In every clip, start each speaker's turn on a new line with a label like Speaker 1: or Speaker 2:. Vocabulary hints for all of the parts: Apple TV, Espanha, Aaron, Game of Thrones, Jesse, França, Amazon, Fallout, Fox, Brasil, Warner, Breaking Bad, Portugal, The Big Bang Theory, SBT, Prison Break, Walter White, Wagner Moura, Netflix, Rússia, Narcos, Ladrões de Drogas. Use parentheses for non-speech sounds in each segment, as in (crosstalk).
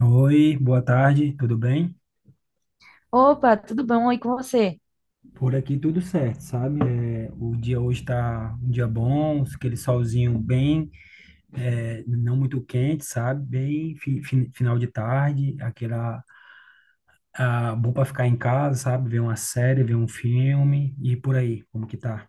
Speaker 1: Oi, boa tarde, tudo bem?
Speaker 2: Opa, tudo bom? E com você?
Speaker 1: Por aqui tudo certo, sabe? O dia hoje está um dia bom, aquele solzinho bem, não muito quente, sabe? Bem final de tarde, aquela bom para ficar em casa, sabe? Ver uma série, ver um filme e por aí, como que tá?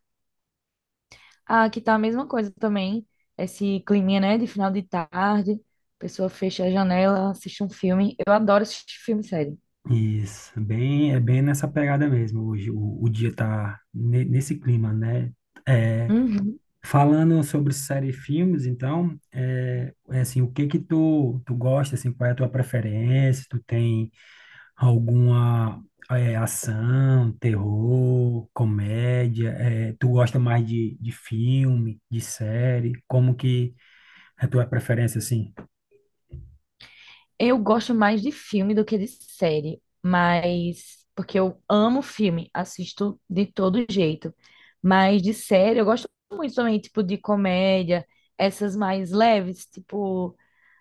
Speaker 2: Ah, aqui tá a mesma coisa também. Esse climinha, né, de final de tarde. A pessoa fecha a janela, assiste um filme. Eu adoro assistir filme e série.
Speaker 1: Isso, bem, é bem nessa pegada mesmo hoje. O dia tá nesse clima, né? É,
Speaker 2: Uhum.
Speaker 1: Falando sobre série e filmes, então, é assim, o que que tu gosta, assim, qual é a tua preferência? Tu tem alguma ação, terror, comédia? É, tu gosta mais de filme, de série? Como que é a tua preferência, assim?
Speaker 2: Eu gosto mais de filme do que de série, mas porque eu amo filme, assisto de todo jeito. Mas de série eu gosto muito também, tipo de comédia, essas mais leves, tipo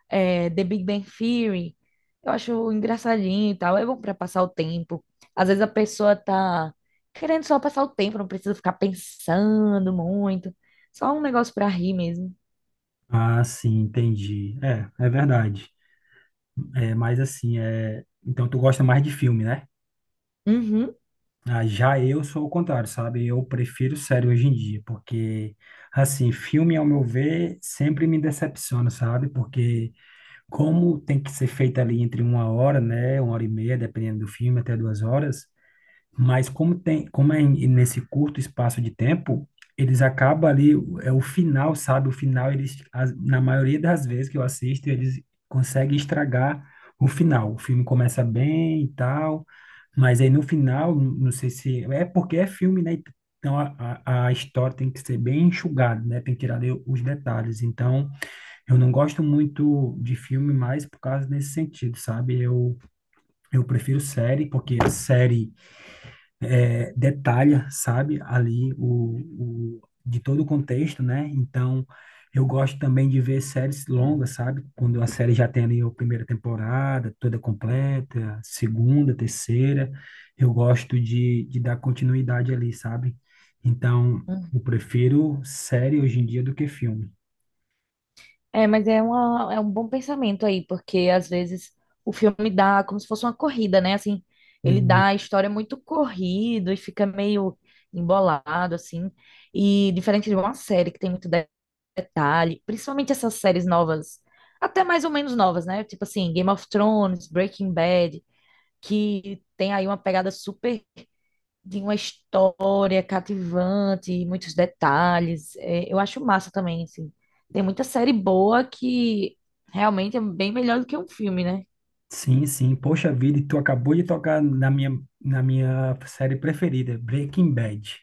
Speaker 2: é, The Big Bang Theory. Eu acho engraçadinho e tal. É bom pra passar o tempo. Às vezes a pessoa tá querendo só passar o tempo, não precisa ficar pensando muito. Só um negócio pra rir mesmo.
Speaker 1: Ah, sim, entendi. É, é verdade. É, mas assim, é... Então tu gosta mais de filme, né?
Speaker 2: Uhum.
Speaker 1: Ah, já eu sou o contrário, sabe? Eu prefiro série hoje em dia, porque, assim, filme, ao meu ver, sempre me decepciona, sabe? Porque como tem que ser feito ali entre uma hora, né? Uma hora e meia, dependendo do filme, até duas horas. Mas como tem, como nesse curto espaço de tempo, eles acabam ali, é o final, sabe? O final, eles, na maioria das vezes que eu assisto, eles conseguem estragar o final. O filme começa bem e tal, mas aí no final, não sei se... É porque é filme, né? Então a história tem que ser bem enxugada, né? Tem que tirar ali os detalhes. Então, eu não gosto muito de filme mais por causa desse sentido, sabe? Eu prefiro série, porque série é, detalha, sabe, ali o de todo o contexto, né? Então, eu gosto também de ver séries longas, sabe? Quando a série já tem ali a primeira temporada toda completa, segunda, terceira, eu gosto de dar continuidade ali, sabe? Então, eu
Speaker 2: Uhum.
Speaker 1: prefiro série hoje em dia do que filme.
Speaker 2: É, mas é, uma, é um bom pensamento aí, porque às vezes o filme dá como se fosse uma corrida, né? Assim, ele
Speaker 1: E,
Speaker 2: dá a história é muito corrido e fica meio embolado, assim. E diferente de uma série que tem muito detalhe, principalmente essas séries novas, até mais ou menos novas, né? Tipo assim, Game of Thrones, Breaking Bad, que tem aí uma pegada super de uma história cativante, muitos detalhes. É, eu acho massa também, assim. Tem muita série boa que realmente é bem melhor do que um filme, né?
Speaker 1: sim, sim, poxa vida, e tu acabou de tocar na minha série preferida, Breaking Bad.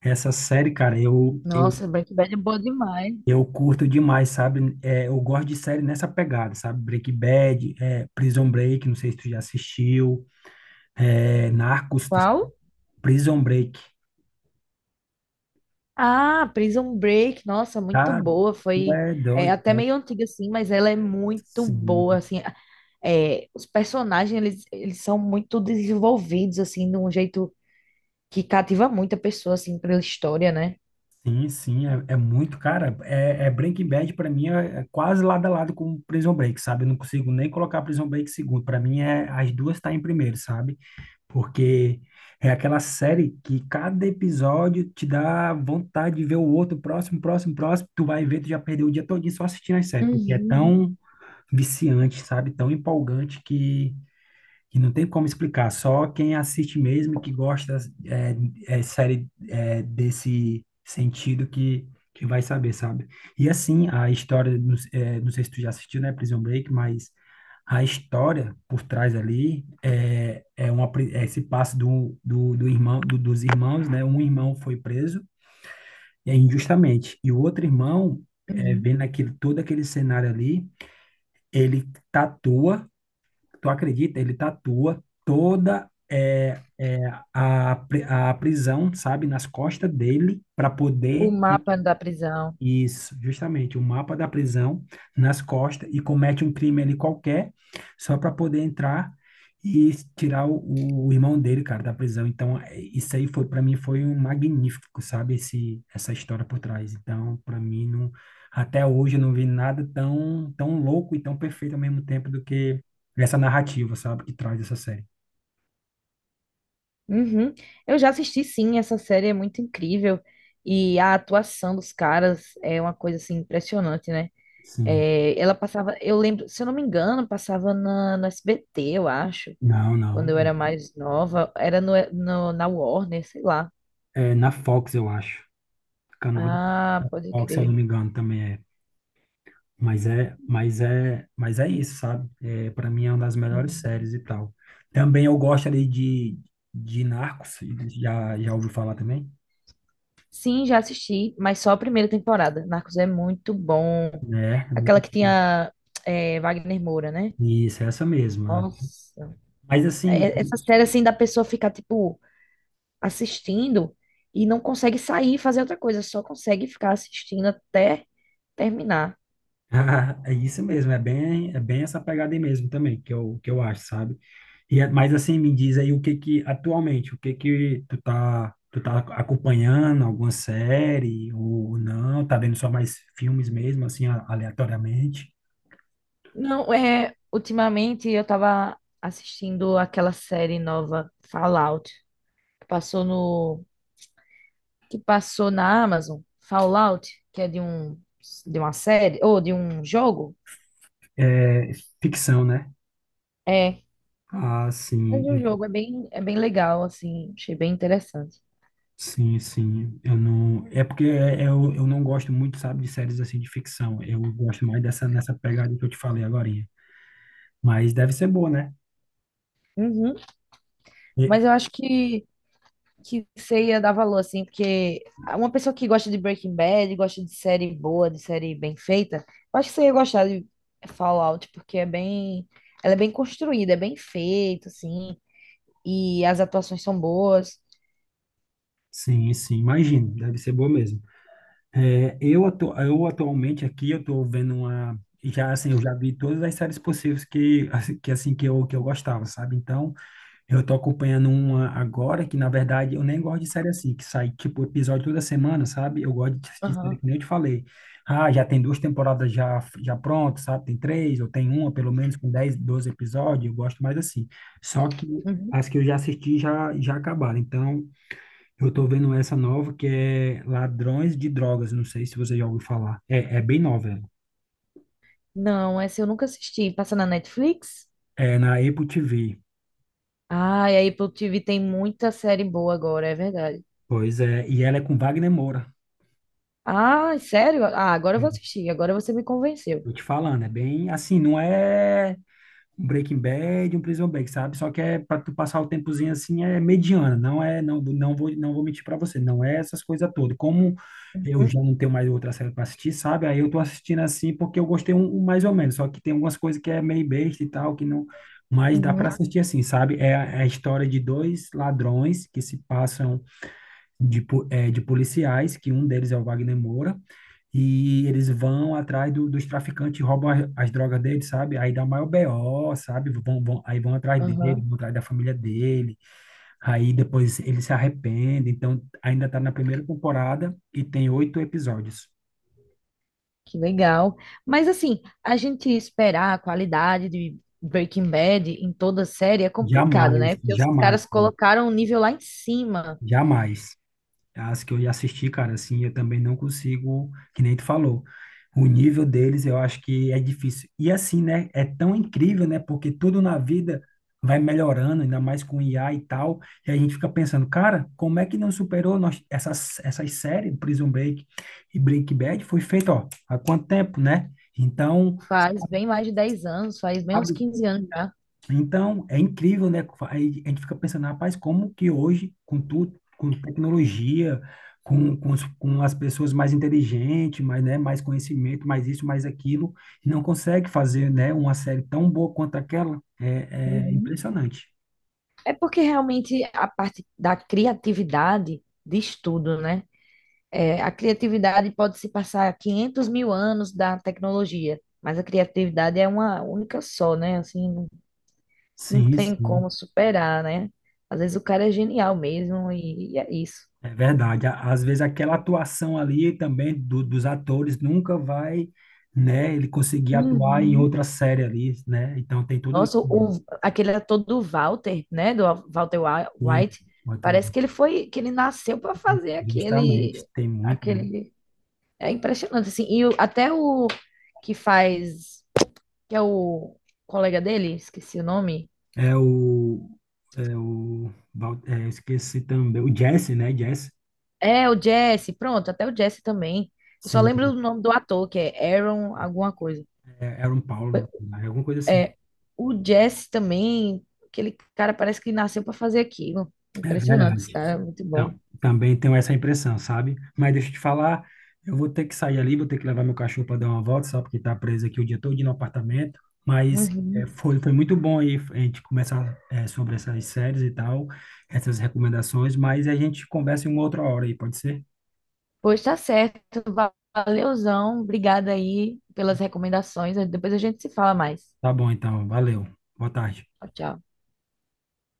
Speaker 1: Essa série, cara, eu
Speaker 2: Nossa, Breaking Bad é boa demais.
Speaker 1: eu curto demais, sabe? É, eu gosto de série nessa pegada, sabe? Breaking Bad, é, Prison Break, não sei se tu já assistiu, é, Narcos, tá-
Speaker 2: Qual?
Speaker 1: Prison Break,
Speaker 2: Ah, Prison Break, nossa, muito
Speaker 1: tá?
Speaker 2: boa.
Speaker 1: Tu é doido,
Speaker 2: Até
Speaker 1: não.
Speaker 2: meio antiga, assim, mas ela é muito boa,
Speaker 1: Sim,
Speaker 2: assim. É, os personagens, eles são muito desenvolvidos, assim, de um jeito que cativa muita pessoa, assim, pela história, né?
Speaker 1: sim, sim, é muito, cara, é Breaking Bad pra mim é quase lado a lado com Prison Break, sabe? Eu não consigo nem colocar Prison Break em segundo, pra mim é, as duas tá em primeiro, sabe? Porque é aquela série que cada episódio te dá vontade de ver o outro, próximo, próximo, próximo. Tu vai ver, tu já perdeu o dia todo só assistindo as séries,
Speaker 2: Uhum,
Speaker 1: porque é
Speaker 2: uhum.
Speaker 1: tão viciante, sabe? Tão empolgante que não tem como explicar, só quem assiste mesmo e que gosta é, é série desse sentido que vai saber, sabe? E assim, a história, não, é, não sei se tu já assistiu, né, Prison Break, mas a história por trás ali uma, é esse passo do irmão, dos irmãos, né? Um irmão foi preso é, injustamente, e o outro irmão, é,
Speaker 2: Uhum.
Speaker 1: vendo aquele, todo aquele cenário ali, ele tatua. Tu acredita? Ele tatua toda a, a prisão, sabe, nas costas dele, para
Speaker 2: O
Speaker 1: poder
Speaker 2: mapa da prisão.
Speaker 1: isso, justamente, o mapa da prisão nas costas e comete um crime ali qualquer, só para poder entrar e tirar o irmão dele, cara, da prisão. Então, é, isso aí foi para mim foi um magnífico, sabe, esse essa história por trás. Então, para mim não, até hoje eu não vi nada tão tão louco e tão perfeito ao mesmo tempo do que essa narrativa, sabe, que traz essa série.
Speaker 2: Uhum. Eu já assisti, sim, essa série é muito incrível. E a atuação dos caras é uma coisa, assim, impressionante, né?
Speaker 1: Sim.
Speaker 2: É, ela passava, eu lembro, se eu não me engano, passava no SBT, eu acho,
Speaker 1: Não,
Speaker 2: quando
Speaker 1: não.
Speaker 2: eu era mais nova. Era na Warner, sei lá.
Speaker 1: É na Fox, eu acho. Canal do
Speaker 2: Ah, pode
Speaker 1: Fox, se eu não
Speaker 2: crer.
Speaker 1: me engano, também é. Mas é isso, sabe? É, para mim é uma das melhores
Speaker 2: Uhum.
Speaker 1: séries e tal. Também eu gosto ali de Narcos, já ouviu falar também?
Speaker 2: Sim, já assisti, mas só a primeira temporada. Narcos é muito bom.
Speaker 1: Né?
Speaker 2: Aquela que tinha Wagner Moura, né?
Speaker 1: Isso, é essa mesma.
Speaker 2: Nossa.
Speaker 1: Mas assim,
Speaker 2: É- Essa série, assim, da pessoa ficar, tipo, assistindo e não consegue sair e fazer outra coisa, só consegue ficar assistindo até terminar.
Speaker 1: (laughs) é isso mesmo, é bem essa pegada aí mesmo também, que eu acho, sabe? E, é- mas assim, me diz aí o que que, atualmente, o que que tu tá acompanhando, alguma série ou não, tá vendo só mais filmes mesmo, assim, aleatoriamente?
Speaker 2: Não, é. Ultimamente eu tava assistindo aquela série nova, Fallout, que passou no que passou na Amazon, Fallout, que é de um de uma série ou de um jogo?
Speaker 1: É ficção, né?
Speaker 2: É,
Speaker 1: Ah,
Speaker 2: é
Speaker 1: sim,
Speaker 2: de um
Speaker 1: eu-
Speaker 2: jogo, é bem legal assim, achei bem interessante.
Speaker 1: sim, sim. Eu não. É porque eu não gosto muito, sabe, de séries assim de ficção. Eu gosto mais dessa nessa pegada que eu te falei agorinha. Mas deve ser boa, né?
Speaker 2: Uhum.
Speaker 1: E-
Speaker 2: Mas eu acho que você ia dar valor assim, porque uma pessoa que gosta de Breaking Bad, gosta de série boa, de série bem feita, eu acho que você ia gostar de Fallout, porque é bem ela é bem construída, é bem feito assim, e as atuações são boas.
Speaker 1: sim, sim, imagino. Deve ser boa mesmo. É, eu, eu atualmente aqui eu tô vendo uma. Já assim, eu já vi todas as séries possíveis que, assim, que eu gostava, sabe? Então eu tô acompanhando uma agora que, na verdade, eu nem gosto de série assim, que sai, tipo, episódio toda semana, sabe? Eu gosto de série
Speaker 2: Aham.
Speaker 1: que nem eu te falei. Ah, já tem duas temporadas já, já prontas, sabe? Tem três, ou tem uma, pelo menos, com 10 12 episódios. Eu gosto mais assim. Só que
Speaker 2: Uhum.
Speaker 1: as que eu já assisti já, já acabaram. Então, eu tô vendo essa nova que é Ladrões de Drogas. Não sei se você já ouviu falar. É, é bem nova ela.
Speaker 2: Não, essa eu nunca assisti. Passa na Netflix?
Speaker 1: É na Apple TV.
Speaker 2: Ah, e a Apple TV tem muita série boa agora, é verdade.
Speaker 1: Pois é. E ela é com Wagner Moura.
Speaker 2: Ah, sério? Ah, agora eu vou
Speaker 1: É,
Speaker 2: assistir, agora você me convenceu.
Speaker 1: tô te falando, é bem assim, não é. Um Breaking Bad, um Prison Break, sabe? Só que é para tu passar o tempozinho, assim é mediana, não é, não, não vou mentir para você, não é essas coisas todas. Como eu
Speaker 2: Uhum,
Speaker 1: já não tenho mais outra série para assistir, sabe? Aí eu tô assistindo assim porque eu gostei um mais ou menos, só que tem algumas coisas que é meio besta e tal, que não, mas dá para
Speaker 2: uhum,
Speaker 1: assistir assim, sabe? É a história de dois ladrões que se passam de, de policiais, que um deles é o Wagner Moura, e eles vão atrás dos traficantes, e roubam as, as drogas dele, sabe? Aí dá o maior BO, sabe? Vão, vão, aí vão atrás dele,
Speaker 2: aham,
Speaker 1: vão atrás da família dele, aí depois ele se arrepende. Então, ainda tá na primeira temporada e tem 8 episódios.
Speaker 2: que legal. Mas assim, a gente esperar a qualidade de Breaking Bad em toda série é complicado,
Speaker 1: Jamais,
Speaker 2: né? Porque os
Speaker 1: jamais,
Speaker 2: caras colocaram o nível lá em cima.
Speaker 1: jamais. As que eu já assisti, cara, assim, eu também não consigo, que nem tu falou. O nível deles eu acho que é difícil. E assim, né? É tão incrível, né? Porque tudo na vida vai melhorando, ainda mais com IA e tal. E a gente fica pensando, cara, como é que não superou nós, essas séries, Prison Break e Breaking Bad, foi feito, ó, há quanto tempo, né? Então,
Speaker 2: Faz bem mais de 10 anos, faz bem uns 15 anos já.
Speaker 1: é incrível, né? Aí a gente fica pensando, rapaz, como que hoje, com tudo, com tecnologia, com as pessoas mais inteligentes, mais, né, mais conhecimento, mais isso, mais aquilo, não consegue fazer, né, uma série tão boa quanto aquela? É, é
Speaker 2: Uhum.
Speaker 1: impressionante.
Speaker 2: É porque realmente a parte da criatividade diz tudo, né? É, a criatividade pode se passar 500 mil anos da tecnologia, mas a criatividade é uma única só, né? Assim, não, não
Speaker 1: Sim,
Speaker 2: tem
Speaker 1: sim,
Speaker 2: como superar, né? Às vezes o cara é genial mesmo e é isso.
Speaker 1: é verdade. Á- Às vezes aquela atuação ali também dos atores nunca vai, né, ele conseguir atuar em
Speaker 2: Uhum.
Speaker 1: outra série ali, né? Então tem tudo
Speaker 2: Nossa,
Speaker 1: isso.
Speaker 2: o, aquele ator do Walter, né? Do White,
Speaker 1: Sim,
Speaker 2: parece que ele foi, que ele nasceu para fazer
Speaker 1: justamente,
Speaker 2: aquele,
Speaker 1: tem muito, né?
Speaker 2: aquele. É impressionante, assim. Até o que faz, que é o colega dele, esqueci o nome.
Speaker 1: É o. É o. Val- É, esqueci também. O Jesse, né? Jesse.
Speaker 2: É, o Jesse, pronto, até o Jesse também. Eu só
Speaker 1: Sim.
Speaker 2: lembro do nome do ator, que é Aaron alguma coisa.
Speaker 1: É, era um Paulo, né? Alguma coisa assim.
Speaker 2: É, o Jesse também, aquele cara parece que nasceu para fazer aquilo. É
Speaker 1: É
Speaker 2: impressionante, esse
Speaker 1: verdade.
Speaker 2: cara, é muito bom.
Speaker 1: Então, também tenho essa impressão, sabe? Mas deixa eu te falar, eu vou ter que sair ali, vou ter que levar meu cachorro para dar uma volta, só porque tá preso aqui o dia todo no apartamento. Mas é,
Speaker 2: Uhum.
Speaker 1: foi, foi muito bom aí a gente começar é, sobre essas séries e tal, essas recomendações, mas a gente conversa em uma outra hora aí, pode ser?
Speaker 2: Pois tá certo, valeuzão, obrigada aí pelas recomendações. Depois a gente se fala mais.
Speaker 1: Tá bom, então. Valeu. Boa tarde.
Speaker 2: Tchau, tchau.